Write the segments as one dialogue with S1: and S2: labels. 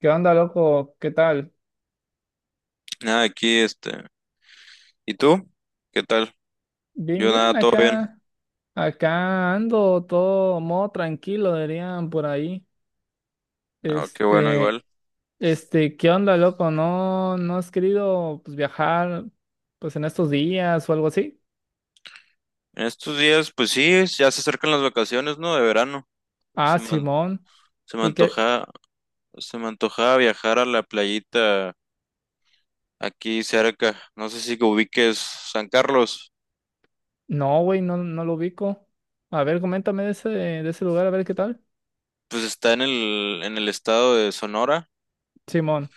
S1: ¿Qué onda, loco? ¿Qué tal?
S2: Nada, aquí ¿Y tú? ¿Qué tal?
S1: Bien,
S2: Yo
S1: bien,
S2: nada, todo bien.
S1: acá. Acá ando todo modo tranquilo, dirían por ahí.
S2: Ah, qué bueno,
S1: Este,
S2: igual.
S1: ¿Qué onda, loco? ¿No has querido, pues, viajar pues en estos días o algo así?
S2: En estos días, pues sí, ya se acercan las vacaciones, ¿no? De verano.
S1: Ah,
S2: Se me, an-
S1: Simón.
S2: se me
S1: ¿Y qué?
S2: se me antoja viajar a la playita aquí cerca. No sé si que ubiques San Carlos.
S1: No, güey, no lo ubico. A ver, coméntame de ese lugar, a ver qué tal.
S2: Pues está en el estado de Sonora.
S1: Simón.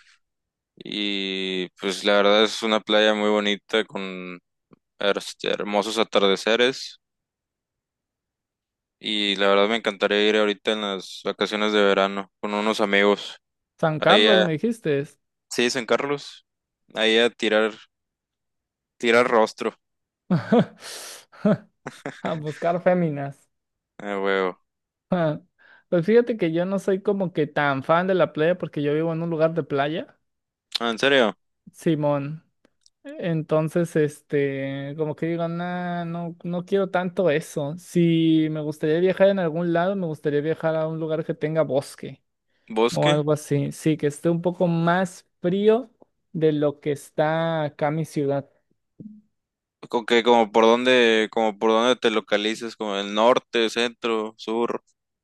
S2: Y pues la verdad es una playa muy bonita con hermosos atardeceres. Y la verdad me encantaría ir ahorita en las vacaciones de verano con unos amigos.
S1: San
S2: Ahí
S1: Carlos,
S2: a,
S1: me dijiste.
S2: sí, San Carlos. Ahí a tirar, tirar rostro.
S1: A buscar féminas.
S2: Huevo.
S1: Ah, pues fíjate que yo no soy como que tan fan de la playa porque yo vivo en un lugar de playa.
S2: Ah, ¿en serio?
S1: Simón. Entonces, como que digo, nah, no quiero tanto eso. Si me gustaría viajar en algún lado, me gustaría viajar a un lugar que tenga bosque o
S2: ¿Bosque?
S1: algo así. Sí, que esté un poco más frío de lo que está acá mi ciudad.
S2: ¿Con qué? Como por dónde te localizas? ¿Como el norte, centro, sur?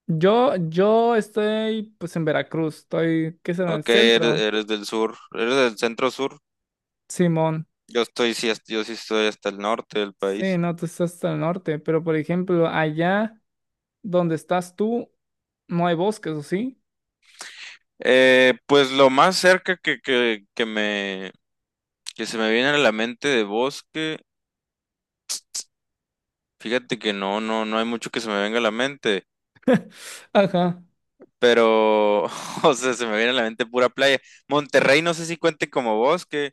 S1: Yo estoy pues en Veracruz, estoy, ¿qué será? El
S2: Ok,
S1: centro.
S2: eres del sur. ¿Eres del centro sur?
S1: Simón.
S2: Yo sí estoy hasta el norte del
S1: Sí,
S2: país.
S1: no, tú estás hasta el norte, pero por ejemplo, allá donde estás tú, no hay bosques, ¿o sí?
S2: Pues lo más cerca que se me viene a la mente de bosque. Fíjate que no hay mucho que se me venga a la mente,
S1: Ajá.
S2: pero, o sea, se me viene a la mente pura playa. Monterrey, no sé si cuente como bosque,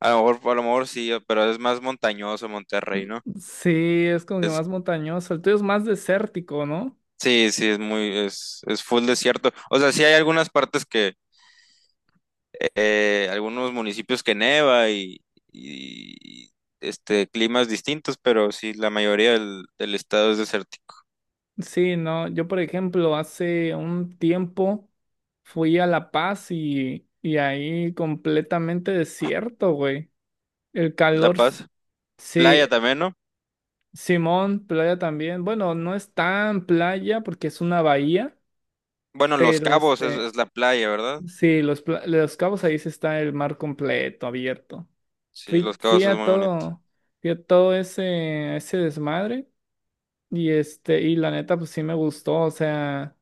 S2: a lo mejor sí, pero es más montañoso Monterrey, ¿no?
S1: Sí, es como que
S2: Es,
S1: más montañoso. El tuyo es más desértico, ¿no?
S2: sí, es muy, es full desierto. O sea, sí hay algunas partes que, algunos municipios que neva y climas distintos, pero sí, la mayoría del estado es desértico.
S1: Sí, no. Yo, por ejemplo, hace un tiempo fui a La Paz y ahí completamente desierto, güey. El
S2: La
S1: calor, s-
S2: Paz,
S1: sí,
S2: playa también, ¿no?
S1: Simón, playa también. Bueno, no es tan playa porque es una bahía,
S2: Bueno, Los
S1: pero
S2: Cabos
S1: este.
S2: es la playa, ¿verdad?
S1: Sí, los, pla- los cabos ahí sí está el mar completo, abierto.
S2: Sí,
S1: Fui,
S2: Los
S1: fui
S2: Cabos es
S1: a
S2: muy bonito.
S1: todo, fui a todo ese, ese desmadre y este, y la neta, pues sí me gustó. O sea,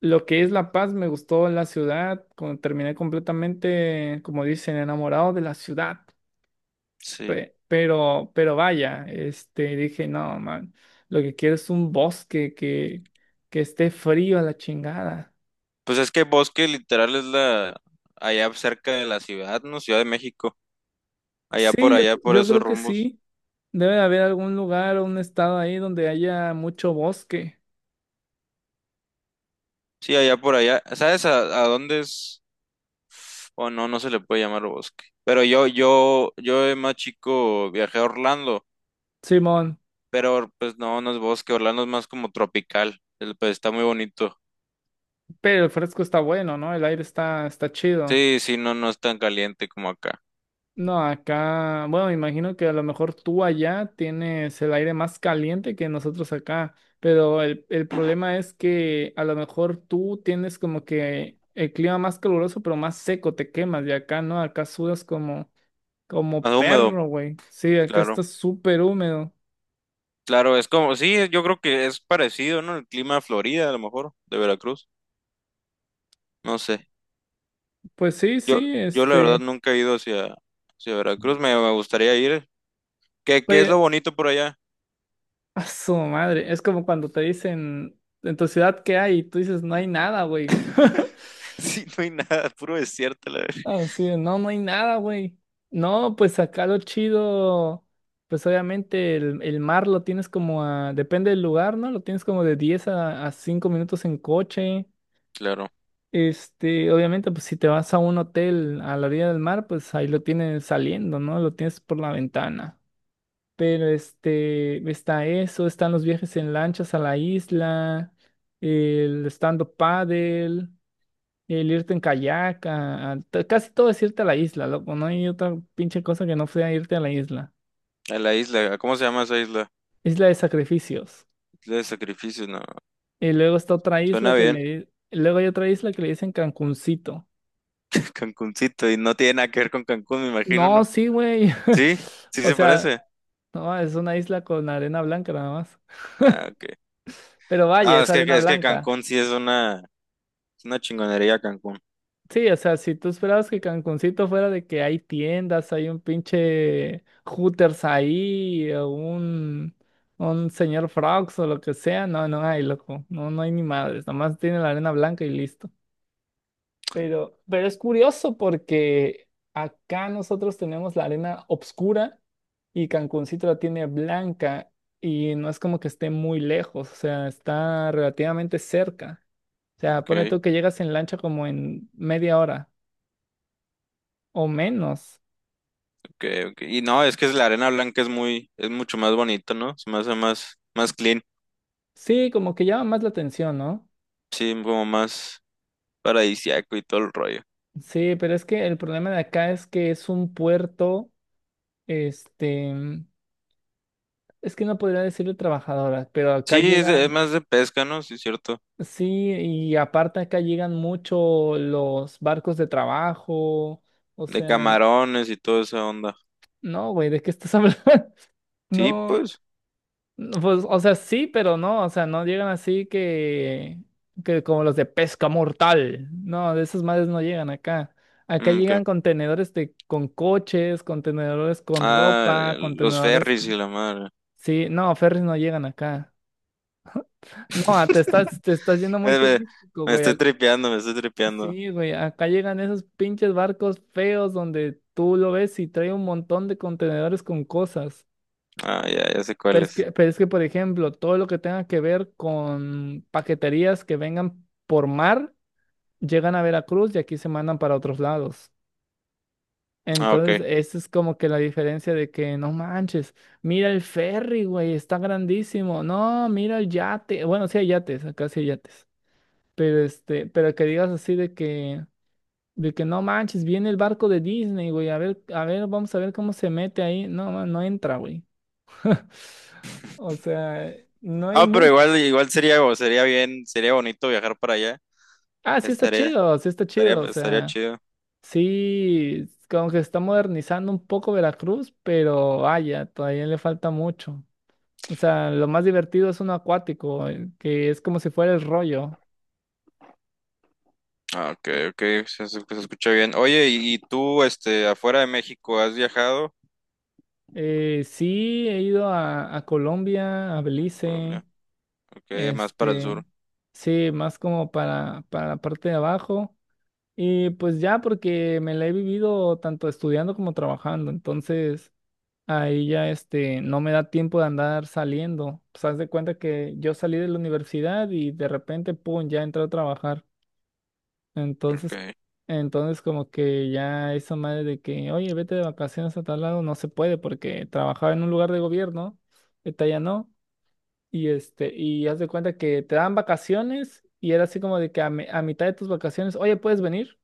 S1: lo que es La Paz, me gustó la ciudad. Como terminé completamente, como dicen, enamorado de la ciudad.
S2: Sí.
S1: Pe- pero vaya, dije, no, man, lo que quiero es un bosque que esté frío a la chingada.
S2: Pues es que bosque literal es la allá cerca de la ciudad, ¿no? Ciudad de México. Allá
S1: Sí,
S2: por
S1: yo,
S2: allá, por
S1: yo
S2: esos
S1: creo que
S2: rumbos.
S1: sí. Debe de haber algún lugar o un estado ahí donde haya mucho bosque.
S2: Sí, allá por allá. ¿Sabes a dónde es? O no, no se le puede llamar bosque. Pero yo de más chico viajé a Orlando,
S1: Simón,
S2: pero pues no, no es bosque. Orlando es más como tropical. Pues está muy bonito.
S1: pero el fresco está bueno, ¿no? El aire está chido.
S2: Sí, sí, no, no es tan caliente como acá.
S1: No, acá, bueno, me imagino que a lo mejor tú allá tienes el aire más caliente que nosotros acá, pero el problema es que a lo mejor tú tienes como que el clima más caluroso, pero más seco, te quemas, y acá no, acá sudas como, como
S2: Más húmedo,
S1: perro, güey. Sí, acá
S2: claro.
S1: está súper húmedo.
S2: Claro, es como, sí, yo creo que es parecido, ¿no? El clima de Florida, a lo mejor, de Veracruz. No sé.
S1: Pues sí,
S2: Yo,
S1: sí,
S2: yo la verdad
S1: este.
S2: nunca he ido hacia Veracruz. Me gustaría ir. ¿Qué es
S1: Pues
S2: lo bonito por allá?
S1: a su madre, es como cuando te dicen, en tu ciudad, ¿qué hay? Y tú dices, no hay nada, güey.
S2: Sí, no hay nada, puro desierto, la verdad.
S1: Así de, no, no hay nada, güey. No, pues acá lo chido, pues obviamente el mar lo tienes como a, depende del lugar, ¿no? Lo tienes como de 10 a 5 minutos en coche.
S2: Claro.
S1: Este, obviamente, pues si te vas a un hotel a la orilla del mar, pues ahí lo tienes saliendo, ¿no? Lo tienes por la ventana. Pero este, está eso, están los viajes en lanchas a la isla, el estando up paddle, el irte en kayak, casi todo es irte a la isla, loco, no hay otra pinche cosa que no sea irte a la isla.
S2: A la isla, ¿cómo se llama esa isla?
S1: Isla de sacrificios.
S2: Isla de sacrificios, no.
S1: Y luego está otra isla
S2: Suena
S1: que
S2: bien.
S1: le, luego hay otra isla que le dicen Cancuncito.
S2: Cancuncito, y no tiene nada que ver con Cancún, me imagino,
S1: No,
S2: ¿no?
S1: sí, güey.
S2: Sí, sí
S1: O
S2: se
S1: sea,
S2: parece.
S1: no, es una isla con arena blanca nada más.
S2: Ah, ok.
S1: Pero vaya,
S2: Ah,
S1: es arena
S2: es que
S1: blanca.
S2: Cancún sí es una chingonería Cancún.
S1: Sí, o sea, si tú esperabas que Cancuncito fuera de que hay tiendas, hay un pinche Hooters ahí, o un señor Frogs o lo que sea, no, no hay, loco, no, no hay ni madres, nomás tiene la arena blanca y listo. Pero es curioso porque acá nosotros tenemos la arena obscura y Cancuncito la tiene blanca y no es como que esté muy lejos, o sea, está relativamente cerca. O sea,
S2: Ok,
S1: pone tú que llegas en lancha como en media hora. O menos.
S2: ok, ok. Y no, es la arena blanca es muy, es mucho más bonito, ¿no? Se me hace más, más clean.
S1: Sí, como que llama más la atención, ¿no?
S2: Sí, como más paradisiaco y todo el rollo.
S1: Sí, pero es que el problema de acá es que es un puerto, este, es que no podría decirle trabajadoras, pero acá
S2: Sí, es, es
S1: llegan,
S2: más de pesca, ¿no? Sí, es cierto.
S1: sí, y aparte acá llegan mucho los barcos de trabajo, o
S2: De
S1: sea,
S2: camarones y toda esa onda.
S1: no, güey, ¿de qué estás hablando?
S2: Sí,
S1: No.
S2: pues.
S1: No, pues, o sea, sí, pero no, o sea, no llegan así que, como los de pesca mortal. No, de esas madres no llegan acá. Acá
S2: Mm, ¿qué?
S1: llegan contenedores de, con coches, contenedores con
S2: Ah,
S1: ropa,
S2: los
S1: contenedores
S2: ferries y
S1: con...
S2: la madre.
S1: Sí, no, ferries no llegan acá. No, ah, te estás, te estás yendo muy
S2: Me, me-
S1: turístico,
S2: me
S1: güey.
S2: estoy
S1: Ac-
S2: tripeando, me estoy tripeando.
S1: Sí, güey, acá llegan esos pinches barcos feos donde tú lo ves y trae un montón de contenedores con cosas.
S2: Ah, ya, ya sé cuál es.
S1: Por ejemplo, todo lo que tenga que ver con paqueterías que vengan por mar, llegan a Veracruz y aquí se mandan para otros lados.
S2: Ah, ok.
S1: Entonces, esa es como que la diferencia de que, no manches, mira el ferry, güey, está grandísimo. No, mira el yate. Bueno, sí hay yates, acá sí hay yates. Pero que digas así de que no manches, viene el barco de Disney, güey. A ver, vamos a ver cómo se mete ahí. No, ma- no entra, güey. O sea, no hay
S2: No, pero
S1: mucho.
S2: igual, igual sería, sería bien, sería bonito viajar para allá.
S1: Ah,
S2: Estaría,
S1: sí está chido, o
S2: estaría
S1: sea,
S2: chido.
S1: sí, como que se está modernizando un poco Veracruz, pero vaya, todavía le falta mucho. O sea, lo más divertido es uno acuático, que es como si fuera el rollo.
S2: Ah, ok, se escucha bien. Oye, ¿y tú, este, afuera de México, has viajado?
S1: Sí, he ido a Colombia, a Belice,
S2: Colombia, ok, más para el
S1: este,
S2: sur,
S1: sí, más como para la parte de abajo. Y pues ya, porque me la he vivido tanto estudiando como trabajando, entonces... Ahí ya este, no me da tiempo de andar saliendo. Pues haz de cuenta que yo salí de la universidad y de repente, pum, ya entré a trabajar.
S2: ok,
S1: Entonces, entonces como que ya esa madre de que, oye, vete de vacaciones a tal lado, no se puede porque trabajaba en un lugar de gobierno, esta ya no. Y este, y haz de cuenta que te dan vacaciones y era así como de que a, mi- a mitad de tus vacaciones, oye, ¿puedes venir?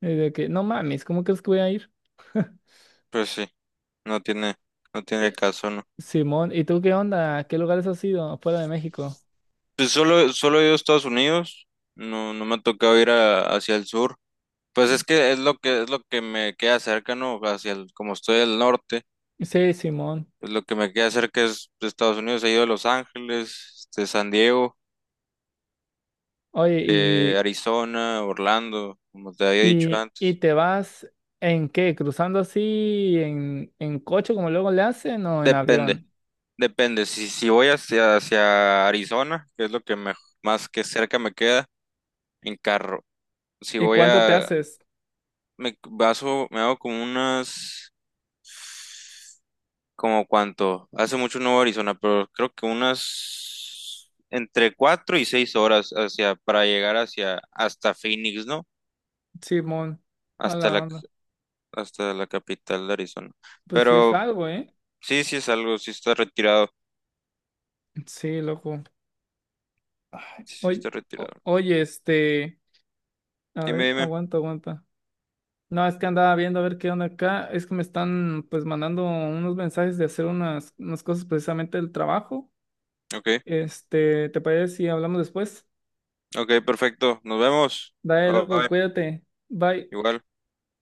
S1: Y de que, no mames, ¿cómo crees que voy a ir?
S2: pues sí. No tiene, no tiene
S1: Eh,
S2: caso, ¿no?
S1: Simón, ¿y tú qué onda? ¿A qué lugares has ido fuera de México?
S2: Pues solo he ido a Estados Unidos, no, no me ha tocado hacia el sur. Pues es que es lo que me queda cerca, ¿no? Hacia el, como estoy al norte,
S1: Sí, Simón.
S2: pues lo que me queda cerca es de Estados Unidos, he ido a Los Ángeles, este, San Diego,
S1: Oye, y,
S2: Arizona, Orlando, como te había dicho
S1: y, y
S2: antes.
S1: te vas ¿en qué? ¿Cruzando así en, coche como luego le hacen o en
S2: Depende,
S1: avión?
S2: depende. Si voy hacia Arizona, que es lo que más que cerca me queda, en carro. Si
S1: ¿Y
S2: voy
S1: cuánto te
S2: a,
S1: haces,
S2: me baso, me hago como unas, como cuánto, hace mucho no voy a Arizona, pero creo que unas entre 4 y 6 horas para llegar hasta Phoenix, ¿no?
S1: Simón? A
S2: Hasta
S1: la
S2: la,
S1: onda.
S2: hasta la capital de Arizona.
S1: Pues sí es
S2: Pero
S1: algo, ¿eh?
S2: sí, sí es algo,
S1: Sí, loco. Ay,
S2: sí
S1: oye,
S2: está
S1: o-
S2: retirado.
S1: oye, este, a
S2: Dime,
S1: ver,
S2: dime.
S1: aguanta, aguanta. No, es que andaba viendo a ver qué onda acá. Es que me están pues mandando unos mensajes de hacer unas cosas precisamente del trabajo.
S2: Ok,
S1: ¿Te parece si hablamos después?
S2: ok, perfecto, nos vemos.
S1: Dale,
S2: Bye,
S1: loco,
S2: bye,
S1: cuídate. Bye.
S2: igual.